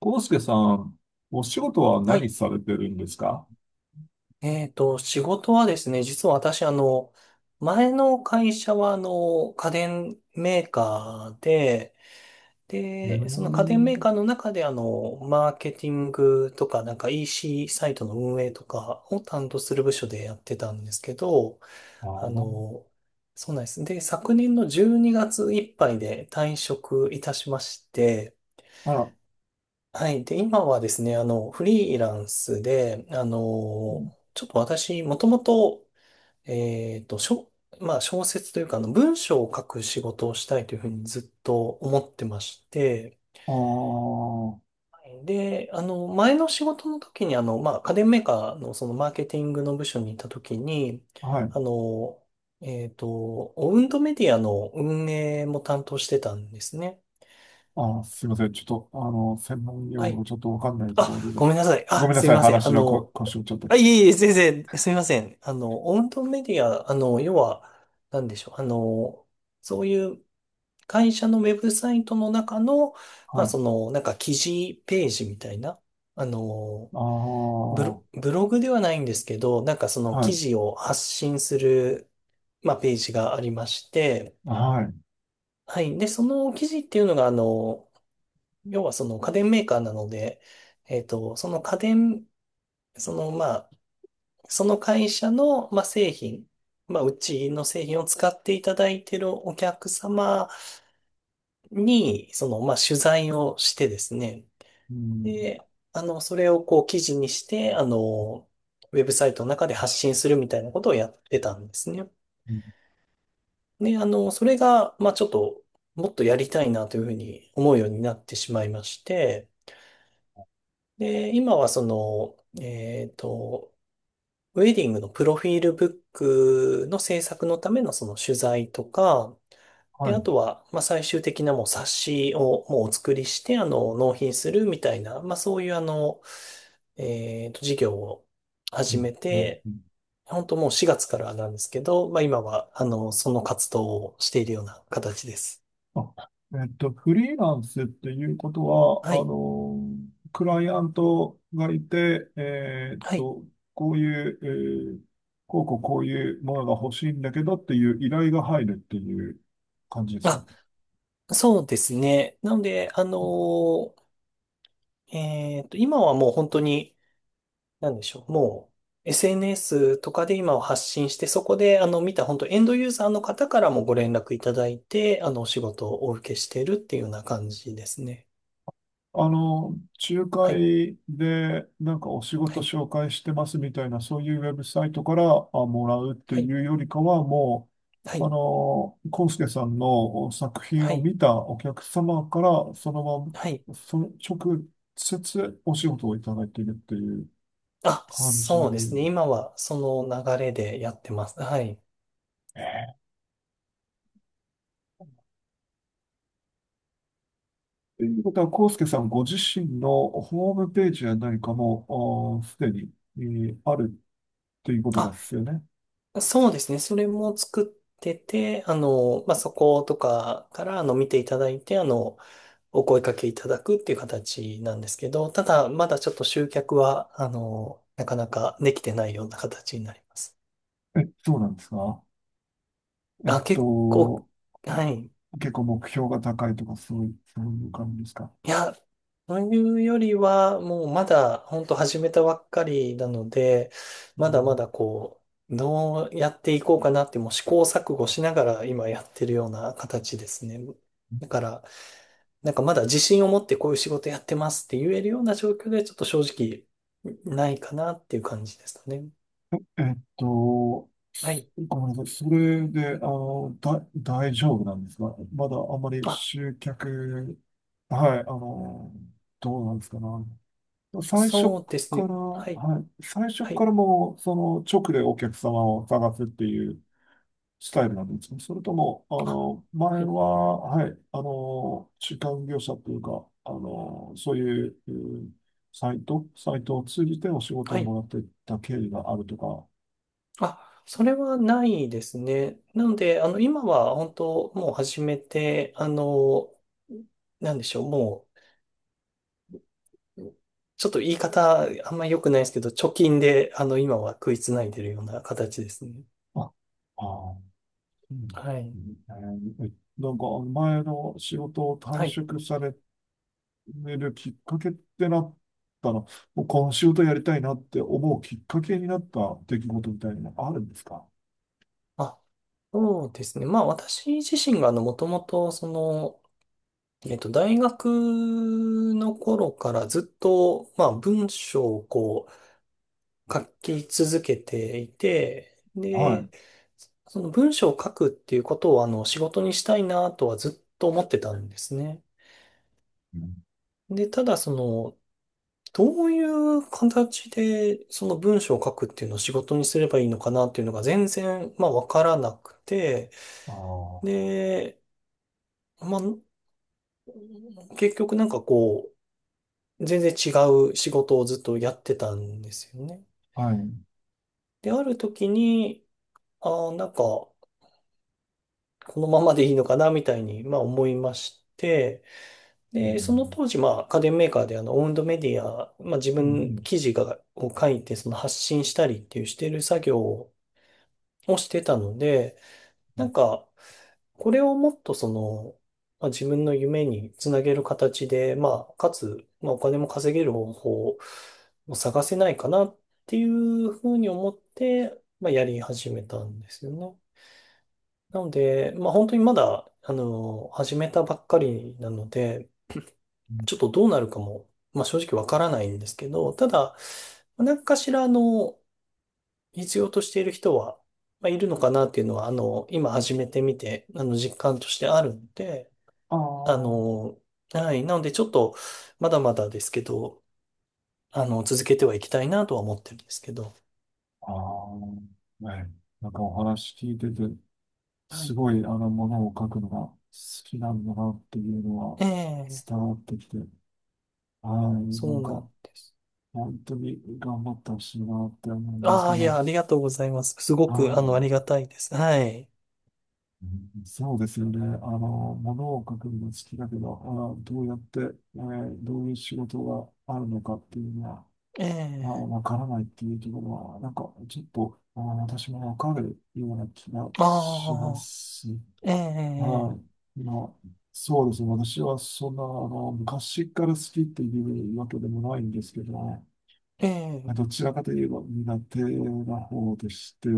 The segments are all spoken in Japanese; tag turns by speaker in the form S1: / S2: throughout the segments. S1: 康介さん、お仕事は
S2: は
S1: 何
S2: い。
S1: されてるんですか？
S2: 仕事はですね、実は私、前の会社は、家電メーカーで、
S1: うー
S2: で、その家電メー
S1: ん。
S2: カーの中で、マーケティングとか、なんか EC サイトの運営とかを担当する部署でやってたんですけど、
S1: あ
S2: あ
S1: ー。
S2: の、そうなんです。で、昨年の12月いっぱいで退職いたしまして、
S1: あら。
S2: はい。で、今はですね、フリーランスで、ちょっと私、もともと、えっと、しょ、まあ、小説というか、文章を書く仕事をしたいというふうにずっと思ってまして、
S1: あー。
S2: はい。で、前の仕事の時に、まあ、家電メーカーのそのマーケティングの部署にいた時に、
S1: はい。
S2: あの、えっと、オウンドメディアの運営も担当してたんですね。
S1: あー、すいません。ちょっと、専門用
S2: は
S1: 語
S2: い。
S1: ちょっとわかんないと
S2: あ、
S1: ころ
S2: ご
S1: で、
S2: めんなさい。
S1: ご
S2: あ、
S1: めんな
S2: すみ
S1: さい。
S2: ません。
S1: 話のこ腰をちょっと。
S2: あ、いえいえ、全然、すみません。オウンドメディア、要は、なんでしょう。そういう会社のウェブサイトの中の、
S1: は
S2: まあ、
S1: い。
S2: その、なんか記事ページみたいな、あの、
S1: ああ、
S2: ブロ、
S1: は
S2: ブログではないんですけど、なんかその記
S1: い。
S2: 事を発信する、まあ、ページがありまして、
S1: はい。
S2: はい。で、その記事っていうのが、要はその家電メーカーなので、その家電、その、まあ、その会社の、まあ、製品、まあ、うちの製品を使っていただいているお客様に、その、まあ、取材をしてですね、
S1: うん。
S2: で、それをこう記事にして、ウェブサイトの中で発信するみたいなことをやってたんですね。
S1: うん。
S2: で、それが、まあ、ちょっと、もっとやりたいなというふうに思うようになってしまいまして、で、今はその、えっと、ウェディングのプロフィールブックの制作のためのその取材とか、で、
S1: は
S2: あ
S1: い。
S2: とは、まあ、最終的なもう冊子をもうお作りして、納品するみたいな、まあ、そういう事業を
S1: う
S2: 始
S1: ん
S2: め
S1: うん。
S2: て、
S1: うん。
S2: 本当もう4月からなんですけど、まあ、今は、その活動をしているような形です。
S1: あ、フリーランスっていうことは、
S2: はい。
S1: クライアントがいて、
S2: はい。
S1: こういう、えーこうこうこういうものが欲しいんだけどっていう依頼が入るっていう感じです
S2: あ、
S1: ね。
S2: そうですね。なので、今はもう本当に、なんでしょう。もう SNS とかで今を発信して、そこで見た本当エンドユーザーの方からもご連絡いただいて、お仕事をお受けしているっていうような感じですね。
S1: あの、仲
S2: はい。
S1: 介でなんかお仕
S2: は
S1: 事
S2: い。
S1: 紹介してますみたいな、そういうウェブサイトからあもらうって
S2: は
S1: い
S2: い。
S1: うよりかは、も
S2: は
S1: う、
S2: い。
S1: コンスケさんの作品
S2: は
S1: を
S2: い。
S1: 見たお客様から、そのま
S2: はい。
S1: ま、その直接お仕事をいただいているっていう
S2: あ、
S1: 感じ。
S2: そうですね。今はその流れでやってます。はい。
S1: ええ。ということは、コンスケさんご自身のホームページや何かも、あすでに、あるということで
S2: あ、
S1: すよね。
S2: そうですね。それも作ってて、まあ、そことかから見ていただいて、お声掛けいただくっていう形なんですけど、ただ、まだちょっと集客は、なかなかできてないような形になります。
S1: え、そうなんですか？えっ
S2: あ、結構、
S1: と、
S2: はい。
S1: 結構目標が高いとか、そういう、そういう感じですか？
S2: いや、というよりは、もうまだ、本当始めたばっかりなので、
S1: う
S2: まだま
S1: ん。
S2: だこう、どうやっていこうかなって、もう試行錯誤しながら今やってるような形ですね。だから、なんかまだ自信を持ってこういう仕事やってますって言えるような状況でちょっと正直ないかなっていう感じですかね。
S1: えっと、
S2: は
S1: す
S2: い。
S1: ごめんなさい。それで、大丈夫なんですか？まだあんまり
S2: あ、
S1: 集客、はい、どうなんですかね。最
S2: そ
S1: 初
S2: うです
S1: か
S2: ね。
S1: ら、
S2: はい。
S1: はい、最初
S2: は
S1: か
S2: い。
S1: らもう、その、直でお客様を探すっていうスタイルなんですか？それとも、
S2: あ、は
S1: 前
S2: い。
S1: は、はい、中間業者というか、そういう、うん、サイトを通じてお仕事
S2: は
S1: をも
S2: い。
S1: らっていった経緯があるとか、
S2: あ、それはないですね。なので、今は本当もう始めて、なんでしょう、もう、ちょっと言い方あんま良くないですけど、貯金で、今は食いつないでるような形ですね。
S1: あ、ああ、うん
S2: は
S1: う
S2: い。
S1: ん、なんか前の仕事を退
S2: はい。
S1: 職されるきっかけってなったの、もうこの仕事やりたいなって思うきっかけになった出来事みたいなのがあるんですか？
S2: あ、そうですね。まあ私自身がもともとその、大学の頃からずっと、まあ文章をこう書き続けていて、
S1: はい。
S2: で、その文章を書くっていうことを仕事にしたいなとはずっと思ってたんですね。
S1: うん。
S2: で、ただその、どういう形でその文章を書くっていうのを仕事にすればいいのかなっていうのが全然、まあわからなくて、
S1: ああ、
S2: で、まあ結局なんかこう、全然違う仕事をずっとやってたんですよね。
S1: はい。う
S2: で、ある時に、ああ、なんか、このままでいいのかな、みたいに、まあ思いまして、
S1: ん。
S2: で、その当時、まあ家電メーカーでオウンドメディア、まあ自
S1: うん。う
S2: 分
S1: ん。
S2: 記事を書いて、その発信したりっていうしてる作業をしてたので、
S1: う
S2: な
S1: ん
S2: んか、これをもっとその、まあ、自分の夢につなげる形で、まあ、かつ、まあ、お金も稼げる方法を探せないかなっていうふうに思って、まあ、やり始めたんですよね。なので、まあ、本当にまだ、始めたばっかりなので、
S1: うん。
S2: ちょっとどうなるかも、まあ、正直わからないんですけど、ただ、何かしら、必要としている人は、まあ、いるのかなっていうのは、今始めてみて、実感としてあるので、
S1: あ
S2: あ
S1: あ。
S2: の、はい。なので、ちょっと、まだまだですけど、続けてはいきたいなとは思ってるんですけど。
S1: ああ、ね、なんかお話聞いてて、
S2: は
S1: す
S2: い。
S1: ごいものを書くのが好きなんだなっていうのは
S2: ええ、
S1: 伝わってきて、はい、な
S2: そ
S1: ん
S2: うな
S1: か
S2: んです。
S1: 本当に頑張ってほしいなって思うんです
S2: あ
S1: け
S2: あ、いや、
S1: ど、
S2: ありがとうございます。すご
S1: は
S2: く、あり
S1: い、
S2: がたいです。はい。
S1: うん、そうですよね。ものを書くのが好きだけど、どうやって、どういう仕事があるのかっていうのは、
S2: え
S1: まあ
S2: え、
S1: わからないっていうところは、なんかちょっと、私もわかるような気がしま
S2: あ
S1: す。
S2: あ、ええ、
S1: はい。まあ、そうですね。私はそんな、昔から好きっていうわけでもないんですけどね、
S2: え
S1: まあ
S2: え、
S1: どちらかといえば苦手な方でして、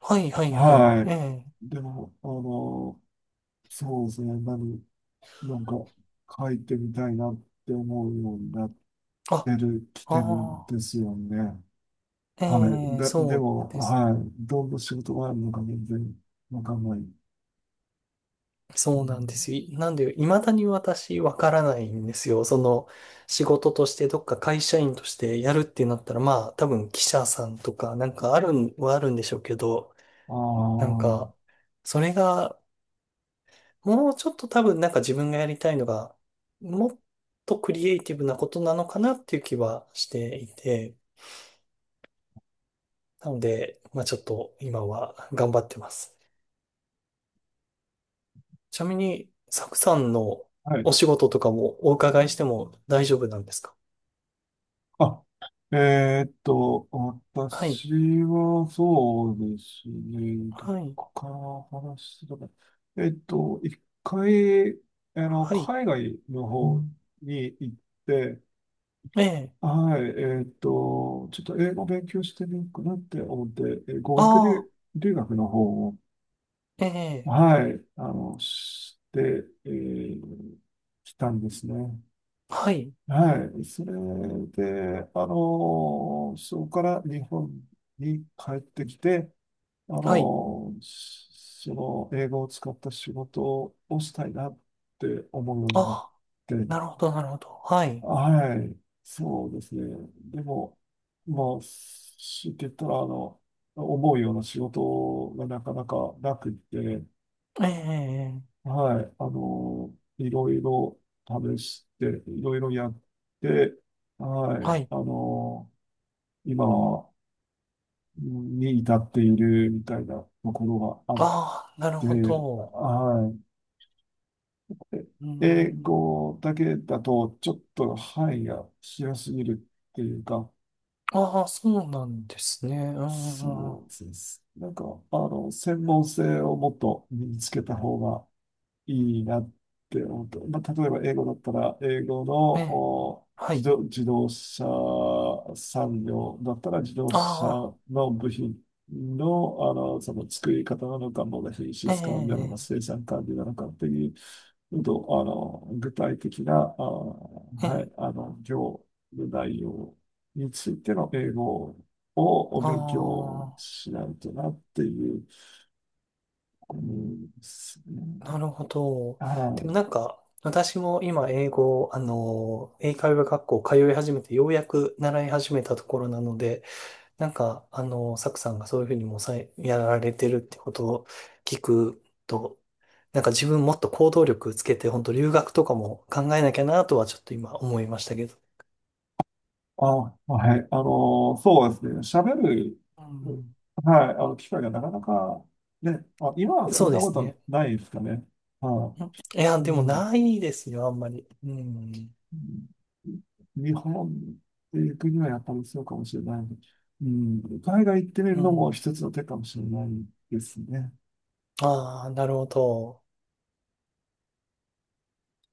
S2: はい、はい、はい。
S1: は
S2: ええ、
S1: い。でも、そうですね。なんか書いてみたいなって思うようになっ
S2: あ、
S1: てる、き
S2: あ
S1: てるん
S2: あ、
S1: ですよね。
S2: え
S1: はい。
S2: え、
S1: で、
S2: そ
S1: で
S2: う
S1: も、
S2: です。
S1: はい。どんな仕事があるのか全然わかんない。う
S2: そうなん
S1: ん。
S2: ですよ。なんで、未だに私わからないんですよ。その、仕事としてどっか会社員としてやるってなったら、まあ、多分記者さんとか、なんかあるんはあるんでしょうけど、
S1: あ
S2: なん
S1: あ、
S2: か、それが、もうちょっと多分なんか自分がやりたいのが、もっとクリエイティブなことなのかなっていう気はしていて、なので、まあちょっと今は頑張ってます。ちなみに、サクさんの
S1: はい。
S2: お仕事とかもお伺いしても大丈夫なんですか？
S1: あ、えーっと、
S2: はい。
S1: 私はそうですね、ど
S2: はい。
S1: こから話してたか。一回、
S2: はい。
S1: 海外の方に行って、
S2: ええ。
S1: はい、ちょっと英語勉強してみようかなって思って、えー語
S2: あ
S1: 学留、
S2: あ。
S1: 留学の方を、
S2: ええ。
S1: はい、して、来たんですね。
S2: はい。
S1: はい。それで、そこから日本に帰ってきて、
S2: はい。
S1: その英語を使った仕事をしたいなって思うよう
S2: あ
S1: になっ
S2: あ。
S1: て、
S2: なるほど、なるほど。はい。
S1: はい。そうですね。でも、まあ、しって言ったら、思うような仕事がなかなかなくって、
S2: ええ。
S1: はい、いろいろ試して、いろいろやって、は
S2: は
S1: い、
S2: い。
S1: 今に至っているみたいなところがあっ
S2: ああ、なる
S1: て、
S2: ほど。
S1: はい。
S2: うー
S1: 英
S2: ん。
S1: 語だけだと、ちょっと範囲が広すぎるっていうか、
S2: ああ、そうなんですね。うん、うん、う
S1: そ
S2: ん。
S1: うです。なんか、専門性をもっと身につけた方がいいなって思って、まあ、例えば英語だったら、英語の
S2: ええ。
S1: お
S2: は
S1: 自
S2: い。
S1: 動、自動車産業だったら、自動車
S2: あ
S1: の部品の、その作り方なのか、もの品
S2: あ。え
S1: 質管理なのか、
S2: え。
S1: 生産管理なのかっていう、と、あの、具体的な、あ、
S2: え
S1: は
S2: え。
S1: い、業務内容についての英語をお勉強
S2: あ
S1: しないとなっていう、うん、ですね。
S2: あ。なるほど。
S1: は
S2: でもな
S1: い。
S2: んか、私も今英語、英会話学校通い始めて、ようやく習い始めたところなので、なんか、サクさんがそういうふうにもうやられてるってことを聞くと、なんか自分もっと行動力つけて、本当留学とかも考えなきゃなとはちょっと今思いましたけど。
S1: あ、はい。そうですね。喋る、
S2: うん。
S1: はい、機会がなかなか、ね、あ、今はそ
S2: そ
S1: ん
S2: う
S1: な
S2: で
S1: こ
S2: す
S1: と
S2: ね。
S1: ないですかね。は
S2: うん。いや、
S1: い。
S2: で
S1: う
S2: も
S1: ん。
S2: ないですよ、あんまり。うん。
S1: 日本っていう国はやっぱりそうかもしれない。うん。海外行ってみる
S2: う
S1: のも
S2: ん。
S1: 一つの手かもしれないですね。
S2: ああ、なるほど。